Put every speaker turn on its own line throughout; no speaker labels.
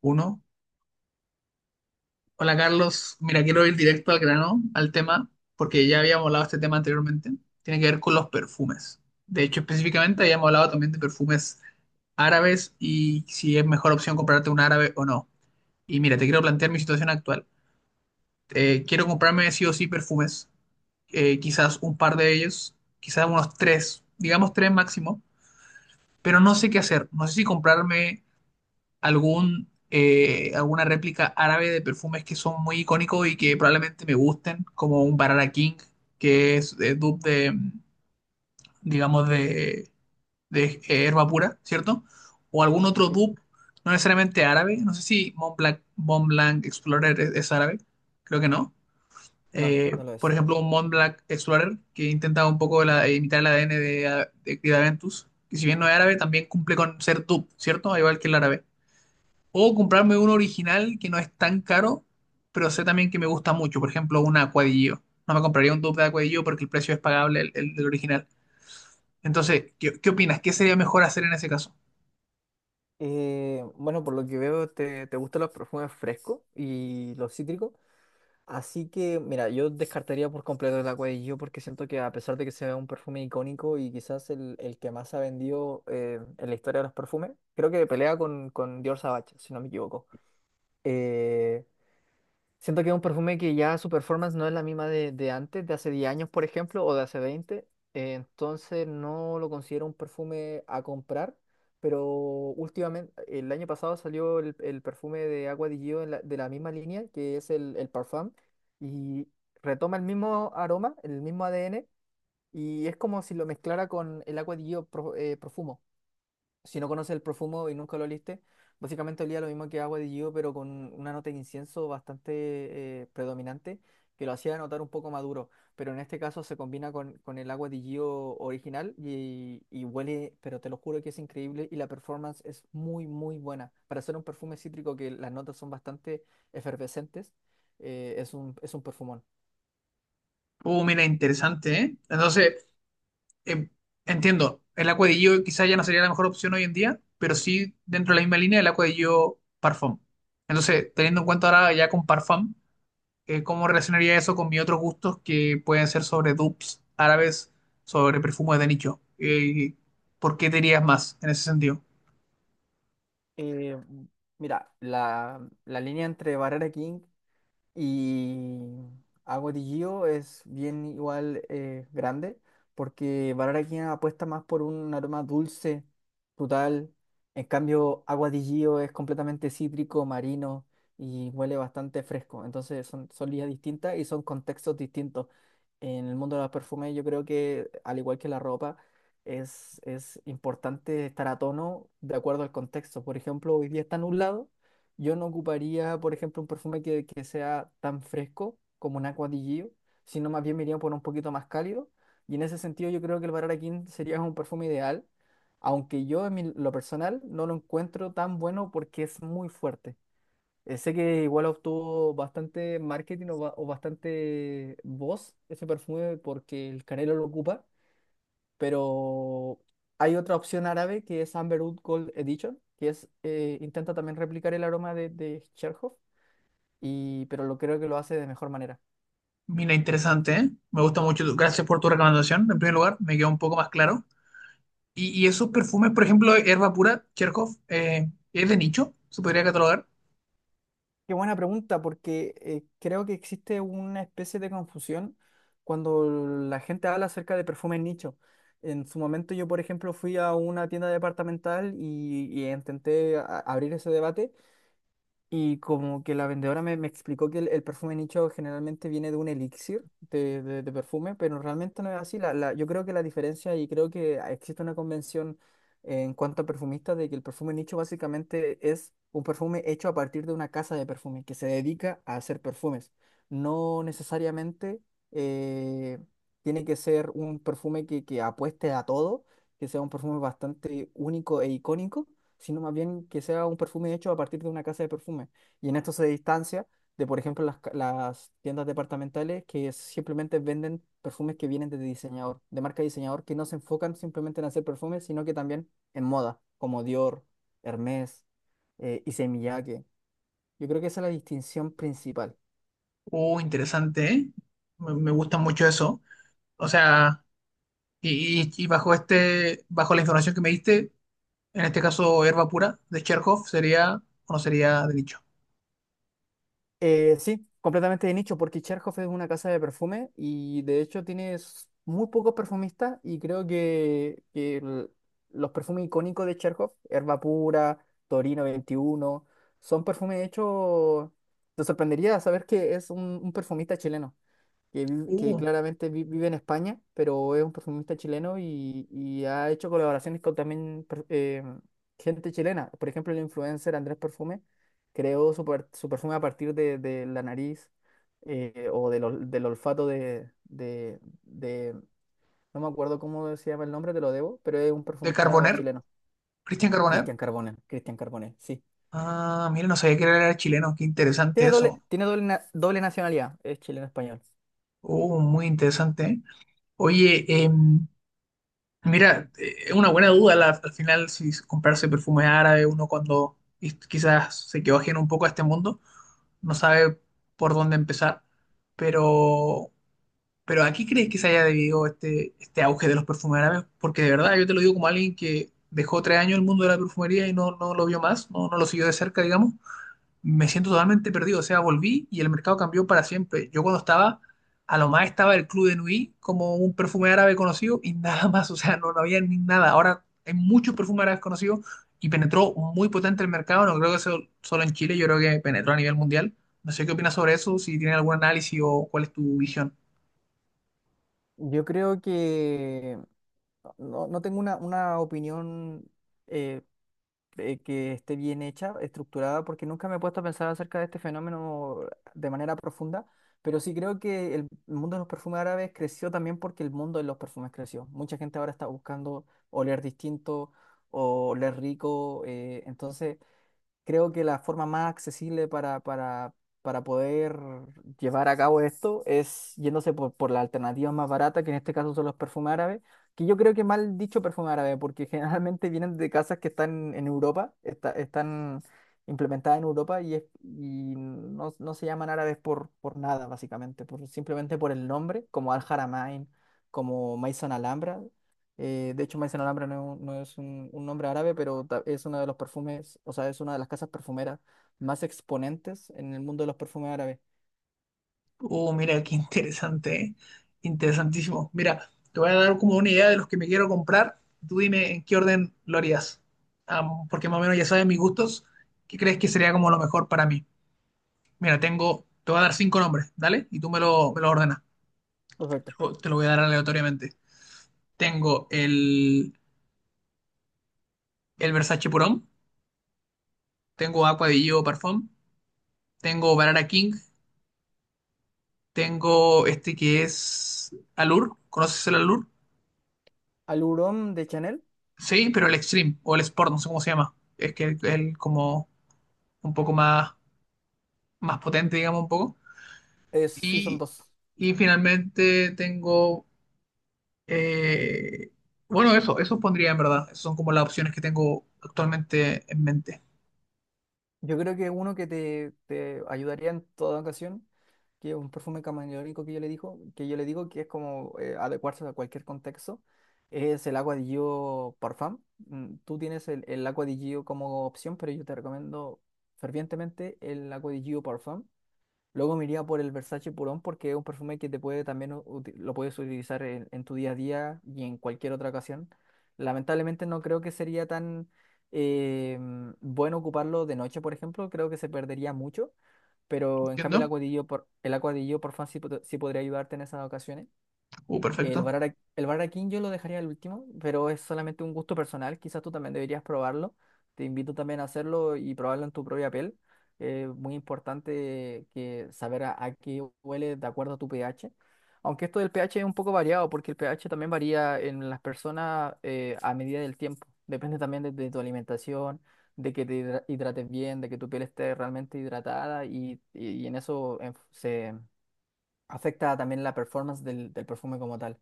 Uno. Hola Carlos, mira, quiero ir directo al grano, al tema, porque ya habíamos hablado de este tema anteriormente. Tiene que ver con los perfumes. De hecho, específicamente habíamos hablado también de perfumes árabes y si es mejor opción comprarte un árabe o no. Y mira, te quiero plantear mi situación actual. Quiero comprarme sí o sí perfumes, quizás un par de ellos, quizás unos tres, digamos tres máximo, pero no sé qué hacer. No sé si comprarme algún, alguna réplica árabe de perfumes que son muy icónicos y que probablemente me gusten, como un Barara King, que es dupe digamos, de Herba Pura, ¿cierto? O algún otro
Sí.
dupe, no necesariamente árabe, no sé si Montblanc, Montblanc Explorer es árabe, creo que no.
No, no lo
Por
es.
ejemplo, un Montblanc Explorer que intenta un poco imitar el ADN de Creed Aventus, que si bien no es árabe, también cumple con ser dupe, ¿cierto? Al igual que el árabe. O comprarme uno original que no es tan caro, pero sé también que me gusta mucho. Por ejemplo, un acuadillo. No me compraría un dupe de acuadillo porque el precio es pagable el del original. Entonces, ¿qué, qué opinas? ¿Qué sería mejor hacer en ese caso?
Bueno, por lo que veo, te gustan los perfumes frescos y los cítricos. Así que, mira, yo descartaría por completo el Agua de Gio porque siento que a pesar de que sea un perfume icónico y quizás el que más ha vendido en la historia de los perfumes, creo que pelea con Dior Sauvage, si no me equivoco. Eh, Siento que es un perfume que ya su performance no es la misma de antes, de hace 10 años, por ejemplo, o de hace veinte, entonces no lo considero un perfume a comprar, pero últimamente, el año pasado salió el perfume de Agua di Gio en de la misma línea, que es el Parfum, y retoma el mismo aroma, el mismo ADN, y es como si lo mezclara con el Agua di Gio Profumo. Si no conoces el profumo y nunca lo oliste, básicamente olía lo mismo que agua de Gio, pero con una nota de incienso bastante predominante, que lo hacía notar un poco maduro. Pero en este caso se combina con el agua de Gio original y huele, pero te lo juro que es increíble y la performance es muy, muy buena. Para ser un perfume cítrico que las notas son bastante efervescentes, es un perfumón.
Oh, mira, interesante, ¿eh? Entonces, eh, entiendo, el acuadillo quizás ya no sería la mejor opción hoy en día, pero sí dentro de la misma línea el acuadillo Parfum. Entonces, teniendo en cuenta ahora ya con Parfum, ¿cómo relacionaría eso con mis otros gustos que pueden ser sobre dupes árabes, sobre perfumes de nicho? ¿Por qué te dirías más en ese sentido?
Eh, Mira, la línea entre Barrera King y Agua de Gio es bien igual grande, porque Bararaquina apuesta más por un aroma dulce, frutal. En cambio, Agua de Gio es completamente cítrico, marino, y huele bastante fresco. Entonces son, son líneas distintas y son contextos distintos. En el mundo de los perfumes yo creo que, al igual que la ropa, es importante estar a tono de acuerdo al contexto. Por ejemplo, hoy día está nublado, yo no ocuparía, por ejemplo, un perfume que sea tan fresco como un Acqua di Gio, sino más bien me iría por un poquito más cálido. Y en ese sentido yo creo que el Bararaquín sería un perfume ideal, aunque yo en lo personal no lo encuentro tan bueno porque es muy fuerte. Sé que igual obtuvo bastante marketing o, o bastante voz ese perfume porque el Canelo lo ocupa, pero hay otra opción árabe que es Amberwood Gold Edition, que es, intenta también replicar el aroma de Cherhoff, y, pero lo creo que lo hace de mejor manera.
Mira, interesante, ¿eh? Me gusta mucho. Gracias por tu recomendación. En primer lugar, me queda un poco más claro. Y esos perfumes, por ejemplo, Herba Pura, Cherkov, ¿es de nicho? ¿Se podría catalogar?
Qué buena pregunta, porque creo que existe una especie de confusión cuando la gente habla acerca de perfumes nicho. En su momento yo, por ejemplo, fui a una tienda departamental y intenté abrir ese debate. Y como que la vendedora me, me explicó que el perfume nicho generalmente viene de un elixir de perfume, pero realmente no es así. Yo creo que la diferencia, y creo que existe una convención en cuanto a perfumistas, de que el perfume nicho básicamente es un perfume hecho a partir de una casa de perfume que se dedica a hacer perfumes. No necesariamente eh, tiene que ser un perfume que apueste a todo, que sea un perfume bastante único e icónico, sino más bien que sea un perfume hecho a partir de una casa de perfume. Y en esto se distancia de, por ejemplo, las, las tiendas departamentales que simplemente venden perfumes que vienen de diseñador, de marca de diseñador, que no se enfocan simplemente en hacer perfumes, sino que también en moda, como Dior, Hermès, Issey Miyake. Yo creo que esa es la distinción principal.
Oh, interesante, ¿eh? Me gusta mucho eso. O sea, y bajo este, bajo la información que me diste, en este caso, Herba Pura de Cherkov sería o no sería de nicho.
Sí, completamente de nicho, porque Cherhoff es una casa de perfume y de hecho tienes muy pocos perfumistas y creo que los perfumes icónicos de Cherhoff, Herba Pura, Torino 21, son perfumes hechos... Te sorprendería saber que es un perfumista chileno que, que
Uh,
claramente vive en España, pero es un perfumista chileno y ha hecho colaboraciones con también gente chilena. Por ejemplo, el influencer Andrés Perfume creó su, su perfume a partir de la nariz, o del, del olfato no me acuerdo cómo se llama el nombre, te lo debo, pero es un
de
perfumista
Carboner,
chileno.
Cristian Carboner.
Cristian Carbonell, Cristian Carbonell, sí.
Ah, mira, no sabía que era chileno, qué interesante eso.
Tiene doble, doble nacionalidad, es chileno-español.
Oh, muy interesante. ¿Eh? Oye, mira, es una buena duda al final si comprarse perfume árabe, uno cuando quizás se quedó ajeno un poco a este mundo, no sabe por dónde empezar. Pero, pero ¿a qué crees que se haya debido este, este auge de los perfumes árabes? Porque de verdad, yo te lo digo como alguien que dejó tres años el mundo de la perfumería y no, no lo vio más, no lo siguió de cerca, digamos me siento totalmente perdido. O sea, volví y el mercado cambió para siempre. Yo cuando estaba, a lo más estaba el Club de Nui como un perfume árabe conocido y nada más. O sea, no había ni nada. Ahora hay muchos perfumes árabes conocidos y penetró muy potente el mercado. No creo que sea solo en Chile, yo creo que penetró a nivel mundial. No sé qué opinas sobre eso, si tienes algún análisis o cuál es tu visión.
Yo creo que no, no tengo una opinión, eh, que esté bien hecha, estructurada, porque nunca me he puesto a pensar acerca de este fenómeno de manera profunda, pero sí creo que el mundo de los perfumes árabes creció también porque el mundo de los perfumes creció. Mucha gente ahora está buscando oler distinto o oler rico, entonces creo que la forma más accesible para poder llevar a cabo esto es yéndose por la alternativa más barata que en este caso son los perfumes árabes, que yo creo que mal dicho perfume árabe, porque generalmente vienen de casas que están en Europa, están implementadas en Europa y, y no, no se llaman árabes por nada, básicamente, por, simplemente por el nombre, como Al Haramain, como Maison Alhambra, de hecho, Maison Alhambra no, es un un nombre árabe, pero es una de los perfumes, o sea, es una de las casas perfumeras más exponentes en el mundo de los perfumes árabes.
Oh, mira, qué interesante, ¿eh? Interesantísimo. Mira, te voy a dar como una idea de los que me quiero comprar. Tú dime en qué orden lo harías. Am, porque más o menos ya sabes mis gustos. ¿Qué crees que sería como lo mejor para mí? Mira, tengo, te voy a dar cinco nombres, ¿dale? Y tú me lo ordenas. Te
Perfecto.
lo, te lo voy a dar aleatoriamente. Tengo el Versace Purón. Tengo Aqua di Gio Parfum. Tengo Barara King. Tengo este que es Allure. ¿Conoces el Allure?
Aluron de Chanel,
Sí, pero el Extreme o el Sport, no sé cómo se llama. Es que el como un poco más, más potente, digamos, un poco.
es, sí, son
Y,
dos.
y finalmente tengo, eh, bueno, eso pondría en verdad. Esas son como las opciones que tengo actualmente en mente.
Yo creo que uno que te ayudaría en toda ocasión, que es un perfume camaleónico que yo le digo, que yo le digo que es como adecuarse a cualquier contexto, es el Agua di Gio Parfum. Mm, tú tienes el Agua di Gio como opción, pero yo te recomiendo fervientemente el Agua di Gio Parfum. Luego me iría por el Versace Purón porque es un perfume que te puede también lo puedes utilizar en tu día a día y en cualquier otra ocasión. Lamentablemente no creo que sería tan eh, bueno ocuparlo de noche, por ejemplo. Creo que se perdería mucho. Pero en cambio el
¿Entiendo?
acuadillo el acuadillo por fan sí, sí podría ayudarte en esas ocasiones.
Perfecto.
El Barara King yo lo dejaría al último, pero es solamente un gusto personal. Quizás tú también deberías probarlo. Te invito también a hacerlo y probarlo en tu propia piel. Muy importante que saber a qué huele de acuerdo a tu pH. Aunque esto del pH es un poco variado, porque el pH también varía en las personas, a medida del tiempo. Depende también de tu alimentación, de que te hidrates bien, de que tu piel esté realmente hidratada y, y en eso, se afecta también la performance del perfume como tal.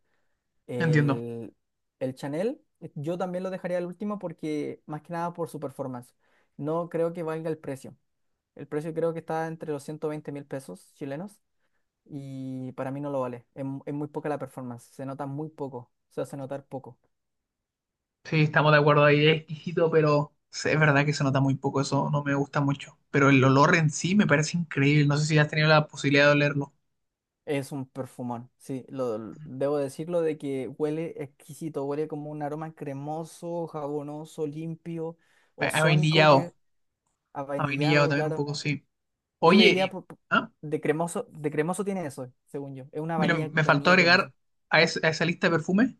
Entiendo.
El, el Chanel, yo también lo dejaría al último porque, más que nada, por su performance. No creo que valga el precio. El precio creo que está entre los 120.000 pesos chilenos, y para mí no lo vale. Es, es muy poca la performance. Se nota muy poco. Se hace notar poco.
Sí, estamos de acuerdo ahí. Es exquisito, pero sí, es verdad que se nota muy poco. Eso no me gusta mucho. Pero el olor en sí me parece increíble. No sé si has tenido la posibilidad de olerlo.
Es un perfumón. Sí, debo decirlo de que huele exquisito. Huele como un aroma cremoso, jabonoso, limpio,
A
ozónico,
vainillado.
que, a
A vainillado
vainillado
también un
claro.
poco, sí.
Yo le
Oye,
diría
ah,
de cremoso tiene eso, según yo. Es una
mira,
vainilla,
me faltó
vainilla
agregar
cremosa.
a, a esa lista de perfumes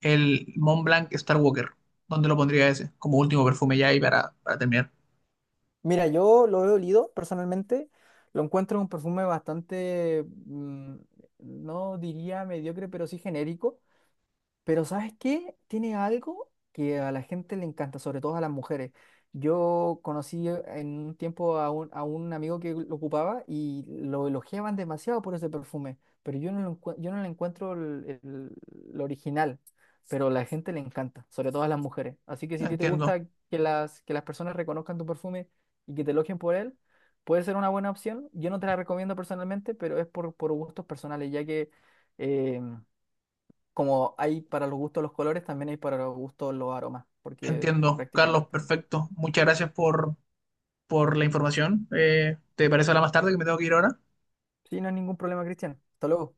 el Mont Blanc Star Walker. ¿Dónde lo pondría ese? Como último perfume ya y para terminar.
Mira, yo lo he olido personalmente. Lo encuentro un perfume bastante, mm, no diría mediocre, pero sí genérico. Pero ¿sabes qué? Tiene algo que a la gente le encanta, sobre todo a las mujeres. Yo conocí en un tiempo a un amigo que lo ocupaba y lo elogiaban demasiado por ese perfume, pero yo no lo, yo no le encuentro lo original, pero a la gente le encanta, sobre todo a las mujeres. Así que si a ti te
Entiendo,
gusta que las personas reconozcan tu perfume y que te elogien por él, puede ser una buena opción. Yo no te la recomiendo personalmente, pero es por gustos personales, ya que... eh, como hay para los gustos los colores, también hay para los gustos los aromas, porque
entiendo. Carlos,
prácticamente,
perfecto. Muchas gracias por la información. ¿Te parece hablar más tarde que me tengo que ir ahora?
sí, no hay ningún problema, Cristian. Hasta luego.